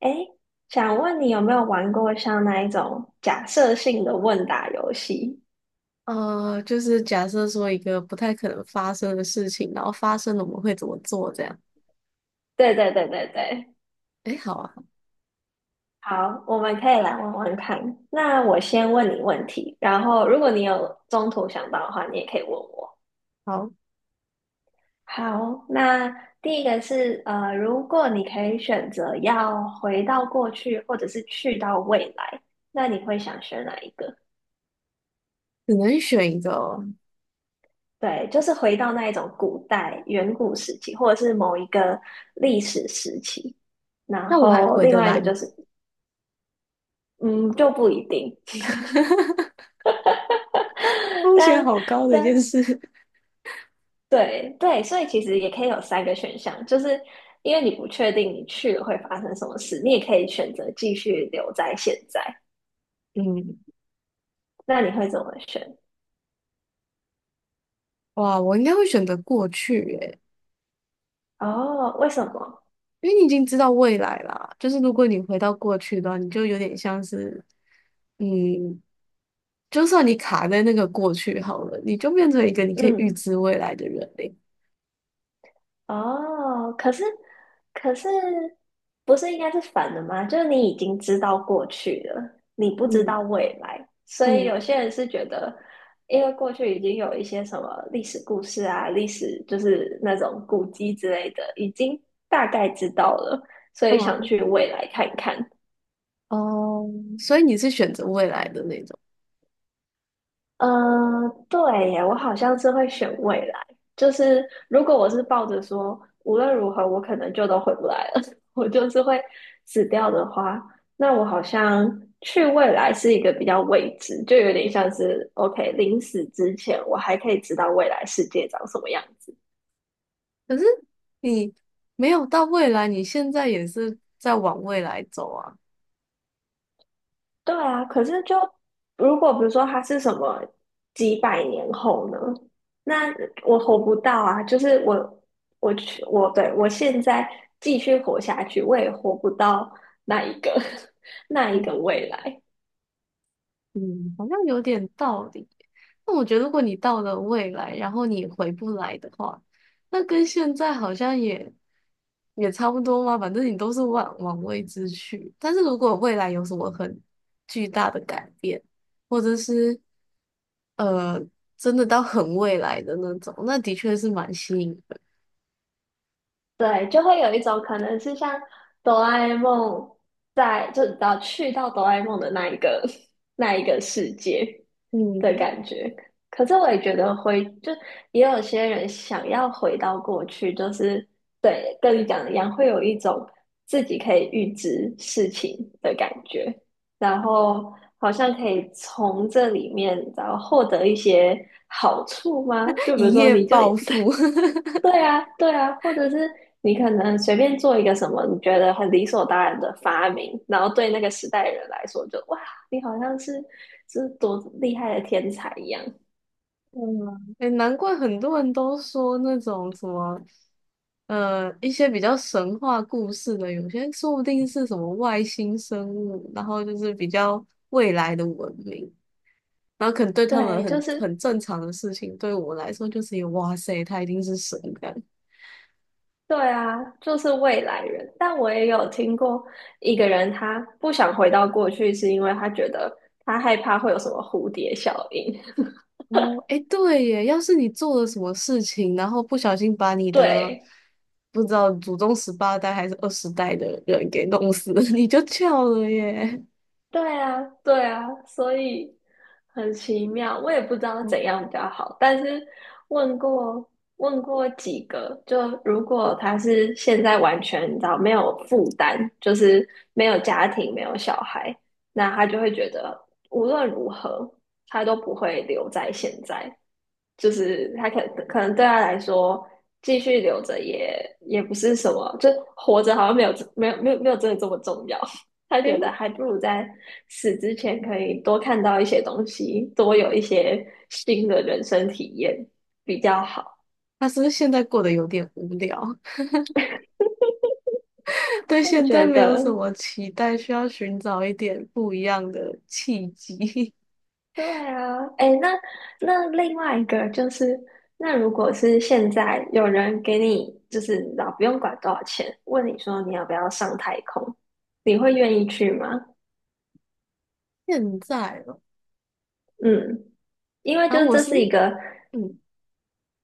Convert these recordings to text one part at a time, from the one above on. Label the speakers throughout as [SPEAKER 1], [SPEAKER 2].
[SPEAKER 1] 哎，想问你有没有玩过像那一种假设性的问答游戏？
[SPEAKER 2] 就是假设说一个不太可能发生的事情，然后发生了我们会怎么做这样？
[SPEAKER 1] 对对对对对，
[SPEAKER 2] 哎，好啊，
[SPEAKER 1] 好，我们可以来玩玩看。那我先问你问题，然后如果你有中途想到的话，你也可以问我。
[SPEAKER 2] 好，
[SPEAKER 1] 好，那第一个是如果你可以选择要回到过去或者是去到未来，那你会想选哪一个？
[SPEAKER 2] 只能选一个哦。
[SPEAKER 1] 对，就是回到那一种古代远古时期，或者是某一个历史时期。然
[SPEAKER 2] 那我还
[SPEAKER 1] 后
[SPEAKER 2] 回
[SPEAKER 1] 另
[SPEAKER 2] 得
[SPEAKER 1] 外一个
[SPEAKER 2] 来
[SPEAKER 1] 就
[SPEAKER 2] 吗？
[SPEAKER 1] 是，嗯，就不一定。
[SPEAKER 2] 风险
[SPEAKER 1] 但
[SPEAKER 2] 好高的一
[SPEAKER 1] 但
[SPEAKER 2] 件事。
[SPEAKER 1] 对对，所以其实也可以有三个选项，就是因为你不确定你去了会发生什么事，你也可以选择继续留在现在。
[SPEAKER 2] 嗯，
[SPEAKER 1] 那你会怎么选？
[SPEAKER 2] 哇，我应该会选择过去耶，
[SPEAKER 1] 哦，为什么？
[SPEAKER 2] 因为你已经知道未来啦。就是如果你回到过去的话，你就有点像是，嗯，就算你卡在那个过去好了，你就变成一个你可以预
[SPEAKER 1] 嗯
[SPEAKER 2] 知未来的人嘞。
[SPEAKER 1] 哦，可是不是应该是反的吗？就是你已经知道过去了，你不知道
[SPEAKER 2] 嗯
[SPEAKER 1] 未来，所以有
[SPEAKER 2] 嗯
[SPEAKER 1] 些人是觉得，因为过去已经有一些什么历史故事啊、历史就是那种古迹之类的，已经大概知道了，所以想
[SPEAKER 2] 嗯。
[SPEAKER 1] 去未来看一看。
[SPEAKER 2] 哦，所以你是选择未来的那种，
[SPEAKER 1] 嗯，对耶，我好像是会选未来。就是如果我是抱着说无论如何我可能就都回不来了，我就是会死掉的话，那我好像去未来是一个比较未知，就有点像是 OK，临死之前我还可以知道未来世界长什么样子。
[SPEAKER 2] 可是你没有到未来，你现在也是在往未来走啊。
[SPEAKER 1] 对啊，可是就如果比如说他是什么几百年后呢？那我活不到啊！就是我，我去，我对我现在继续活下去，我也活不到那一个 那一
[SPEAKER 2] 嗯
[SPEAKER 1] 个未来。
[SPEAKER 2] 嗯好像有点道理。那我觉得，如果你到了未来，然后你回不来的话，那跟现在好像也差不多嘛。反正你都是往未知去。但是如果未来有什么很巨大的改变，或者是呃，真的到很未来的那种，那的确是蛮吸引。
[SPEAKER 1] 对，就会有一种可能是像哆啦 A 梦在，就你知道去到哆啦 A 梦的那一个 那一个世界的
[SPEAKER 2] 嗯，
[SPEAKER 1] 感觉。可是我也觉得回，就也有些人想要回到过去，就是对，跟你讲的一样，会有一种自己可以预知事情的感觉，然后好像可以从这里面然后获得一些好处吗？就 比如
[SPEAKER 2] 一
[SPEAKER 1] 说，
[SPEAKER 2] 夜
[SPEAKER 1] 你就
[SPEAKER 2] 暴 富。
[SPEAKER 1] 对啊，对啊，或者是你可能随便做一个什么你觉得很理所当然的发明，然后对那个时代的人来说就，哇，你好像是多厉害的天才一样。
[SPEAKER 2] 嗯，哎，难怪很多人都说那种什么，一些比较神话故事的，有些说不定是什么外星生物，然后就是比较未来的文明，然后可能对他们
[SPEAKER 1] 对，就是
[SPEAKER 2] 很正常的事情，对我来说就是一个哇塞，他一定是神的。
[SPEAKER 1] 对啊，就是未来人。但我也有听过一个人，他不想回到过去，是因为他觉得他害怕会有什么蝴蝶效应。
[SPEAKER 2] 哦，哎，对耶，要是你做了什么事情，然后不小心把 你的
[SPEAKER 1] 对，
[SPEAKER 2] 不知道祖宗十八代还是二十代的人给弄死了，你就翘了耶。
[SPEAKER 1] 对啊，对啊，所以很奇妙，我也不知道
[SPEAKER 2] 哦
[SPEAKER 1] 怎样比较好。但是问过问过几个，就如果他是现在完全你知道没有负担，就是没有家庭、没有小孩，那他就会觉得无论如何他都不会留在现在。就是他可能对他来说，继续留着也不是什么，就活着好像没有真的这么重要。他觉
[SPEAKER 2] 哎，
[SPEAKER 1] 得还不如在死之前可以多看到一些东西，多有一些新的人生体验比较好。
[SPEAKER 2] 他是不是现在过得有点无聊？对
[SPEAKER 1] 我也
[SPEAKER 2] 现
[SPEAKER 1] 觉
[SPEAKER 2] 在没有什
[SPEAKER 1] 得，
[SPEAKER 2] 么期待，需要寻找一点不一样的契机。
[SPEAKER 1] 对啊，哎，那另外一个就是，那如果是现在有人给你就是老不用管多少钱，问你说你要不要上太空，你会愿意去吗？
[SPEAKER 2] 现在了，
[SPEAKER 1] 嗯。因为就
[SPEAKER 2] 啊，
[SPEAKER 1] 是
[SPEAKER 2] 我
[SPEAKER 1] 这
[SPEAKER 2] 是
[SPEAKER 1] 是一个
[SPEAKER 2] 嗯，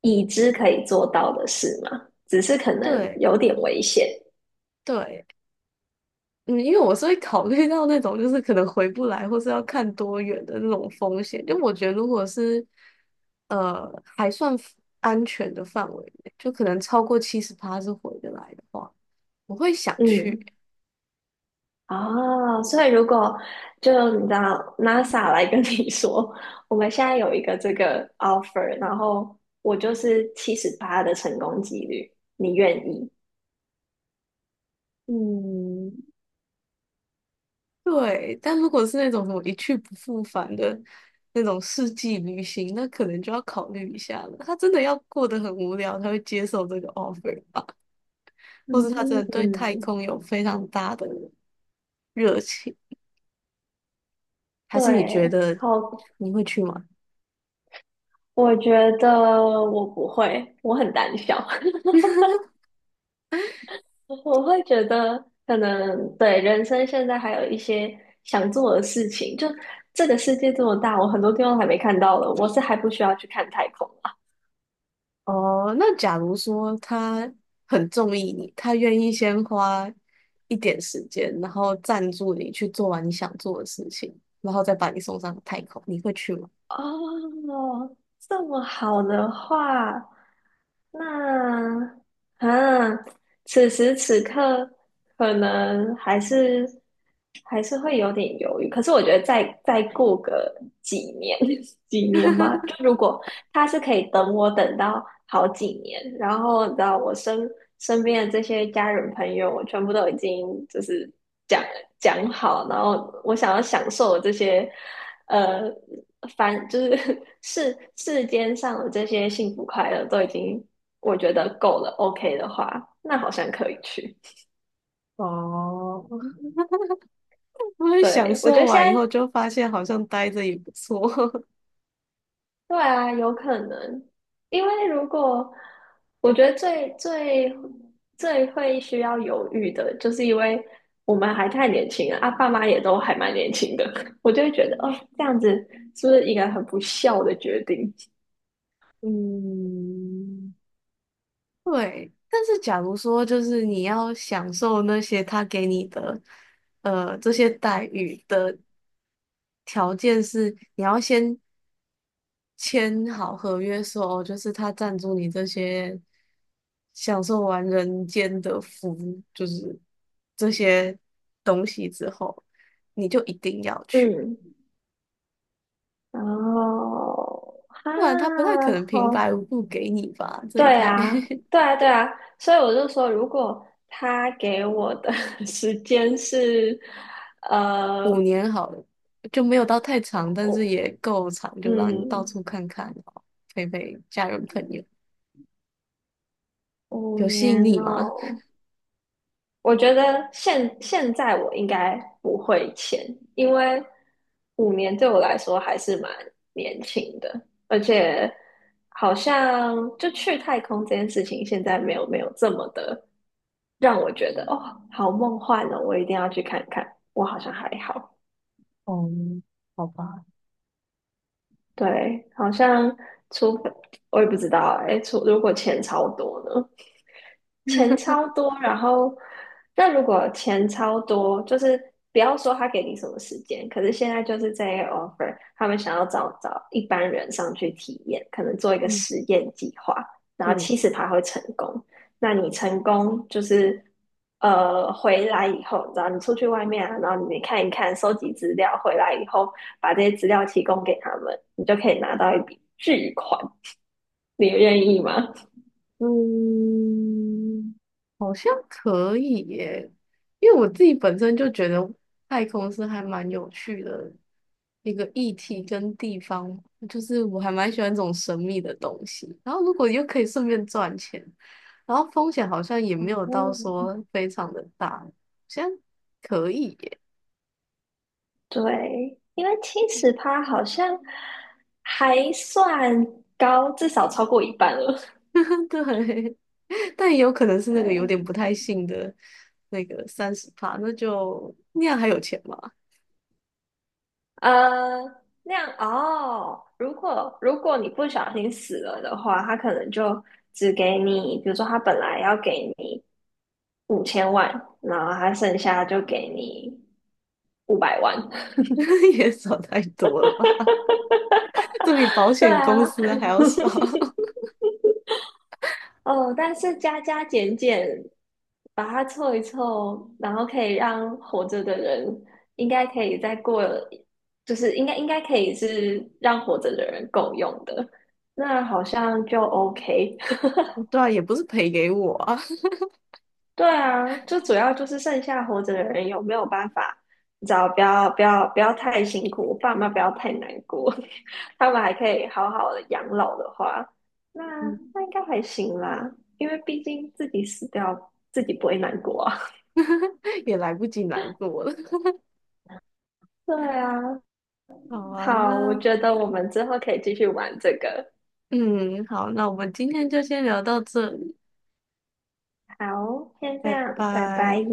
[SPEAKER 1] 已知可以做到的事嘛，只是可能
[SPEAKER 2] 对
[SPEAKER 1] 有点危险。
[SPEAKER 2] 对，嗯，因为我是会考虑到那种就是可能回不来，或是要看多远的那种风险。就我觉得，如果是还算 安全的范围内就可能超过70趴是回得来的话，我会想去。
[SPEAKER 1] 嗯，哦，所以如果就你知道 NASA 来跟你说，我们现在有一个这个 offer，然后我就是78的成功几率，你愿意？
[SPEAKER 2] 嗯，对。但如果是那种什么一去不复返的那种世纪旅行，那可能就要考虑一下了。他真的要过得很无聊，他会接受这个 offer 吧？或是
[SPEAKER 1] 嗯
[SPEAKER 2] 他真的对太
[SPEAKER 1] 嗯，
[SPEAKER 2] 空有非常大的热情？还是你觉
[SPEAKER 1] 对，
[SPEAKER 2] 得
[SPEAKER 1] 好，
[SPEAKER 2] 你会去吗？
[SPEAKER 1] 我觉得我不会，我很胆小。我会觉得，可能对人生现在还有一些想做的事情。就这个世界这么大，我很多地方还没看到的，我是还不需要去看太空啊。
[SPEAKER 2] 哦，那假如说他很中意你，他愿意先花一点时间，然后赞助你去做完你想做的事情，然后再把你送上太空，你会去吗？
[SPEAKER 1] 哦，这么好的话，那啊，此时此刻可能还是会有点犹豫。可是我觉得再过个几年，几年吧，就如果他是可以等我等到好几年，然后你知道我身边的这些家人朋友，我全部都已经就是讲讲好，然后我想要享受这些呃凡就是 世间上的这些幸福快乐都已经我觉得够了，OK 的话，那好像可以去。
[SPEAKER 2] 哦，我会享
[SPEAKER 1] 对，我觉
[SPEAKER 2] 受
[SPEAKER 1] 得现
[SPEAKER 2] 完以
[SPEAKER 1] 在
[SPEAKER 2] 后就发现好像待着也不错。
[SPEAKER 1] 对啊，有可能，因为如果我觉得最会需要犹豫的，就是因为我们还太年轻了啊，爸妈也都还蛮年轻的，我就会觉得哦，这样子是不是一个很不孝的决定？
[SPEAKER 2] 嗯，对。但是假如说就是你要享受那些他给你的，这些待遇的条件是你要先签好合约说，哦，就是他赞助你这些享受完人间的福，就是这些东西之后，你就一定要去，
[SPEAKER 1] 嗯，然后哈，
[SPEAKER 2] 不然他不太可能平
[SPEAKER 1] 好，
[SPEAKER 2] 白无故给你吧？这一
[SPEAKER 1] 对
[SPEAKER 2] 台
[SPEAKER 1] 啊，对啊，对啊，所以我就说，如果他给我的 时间是，呃，
[SPEAKER 2] 5年好了，就没有到太长，但是
[SPEAKER 1] 我
[SPEAKER 2] 也够长，就让你到
[SPEAKER 1] 嗯。
[SPEAKER 2] 处看看，然后陪陪家人朋友，
[SPEAKER 1] 五
[SPEAKER 2] 有吸引
[SPEAKER 1] 年
[SPEAKER 2] 力吗？
[SPEAKER 1] 哦，我觉得现在我应该不会签，因为五年对我来说还是蛮年轻的，而且好像就去太空这件事情，现在没有这么的让我觉得哦，好梦幻哦，我一定要去看看。我好像还好，
[SPEAKER 2] 哦，好吧，
[SPEAKER 1] 对，好像除非我也不知道哎，除如果钱超多呢？钱超多，然后那如果钱超多，就是不要说他给你什么时间，可是现在就是这个 offer,他们想要找一般人上去体验，可能做一个
[SPEAKER 2] 嗯
[SPEAKER 1] 实验计划，然后
[SPEAKER 2] 嗯。
[SPEAKER 1] 其实他会成功，那你成功就是回来以后，然后你出去外面啊，然后你看一看，收集资料，回来以后把这些资料提供给他们，你就可以拿到一笔巨款，你愿意吗？
[SPEAKER 2] 嗯，好像可以耶，因为我自己本身就觉得太空是还蛮有趣的一个议题跟地方，就是我还蛮喜欢这种神秘的东西。然后如果又可以顺便赚钱，然后风险好像也没有到 说非常的大，好像可以耶。
[SPEAKER 1] 对，因为70%好像还算高，至少超过一半了。
[SPEAKER 2] 对，但也有可能是那个有
[SPEAKER 1] 对，
[SPEAKER 2] 点不太信的那个30趴，那就那样还有钱吗？
[SPEAKER 1] 呃，那样哦。如果你不小心死了的话，他可能就只给你，比如说他本来要给你5000万，然后他剩下就给你500万。
[SPEAKER 2] 也少太多了吧？这比保
[SPEAKER 1] 对
[SPEAKER 2] 险公
[SPEAKER 1] 啊，
[SPEAKER 2] 司的还要少。
[SPEAKER 1] 哦，但是加加减减，把它凑一凑，然后可以让活着的人应该可以再过，就是应该可以是让活着的人够用的，那好像就 OK。
[SPEAKER 2] 对啊，也不是赔给我啊，
[SPEAKER 1] 对啊，就主要就是剩下活着的人有没有办法，你知道，不要不要不要太辛苦，我爸妈不要太难过，他们还可以好好的养老的话，那
[SPEAKER 2] 嗯
[SPEAKER 1] 那应该还行啦，因为毕竟自己死掉，自己不会难过啊。
[SPEAKER 2] 也来不及难过了。
[SPEAKER 1] 对啊，
[SPEAKER 2] 好啊，
[SPEAKER 1] 好，我
[SPEAKER 2] 那
[SPEAKER 1] 觉得我们之后可以继续玩这个。
[SPEAKER 2] 嗯，好，那我们今天就先聊到这里，
[SPEAKER 1] 好，先这
[SPEAKER 2] 拜
[SPEAKER 1] 样，拜
[SPEAKER 2] 拜。
[SPEAKER 1] 拜。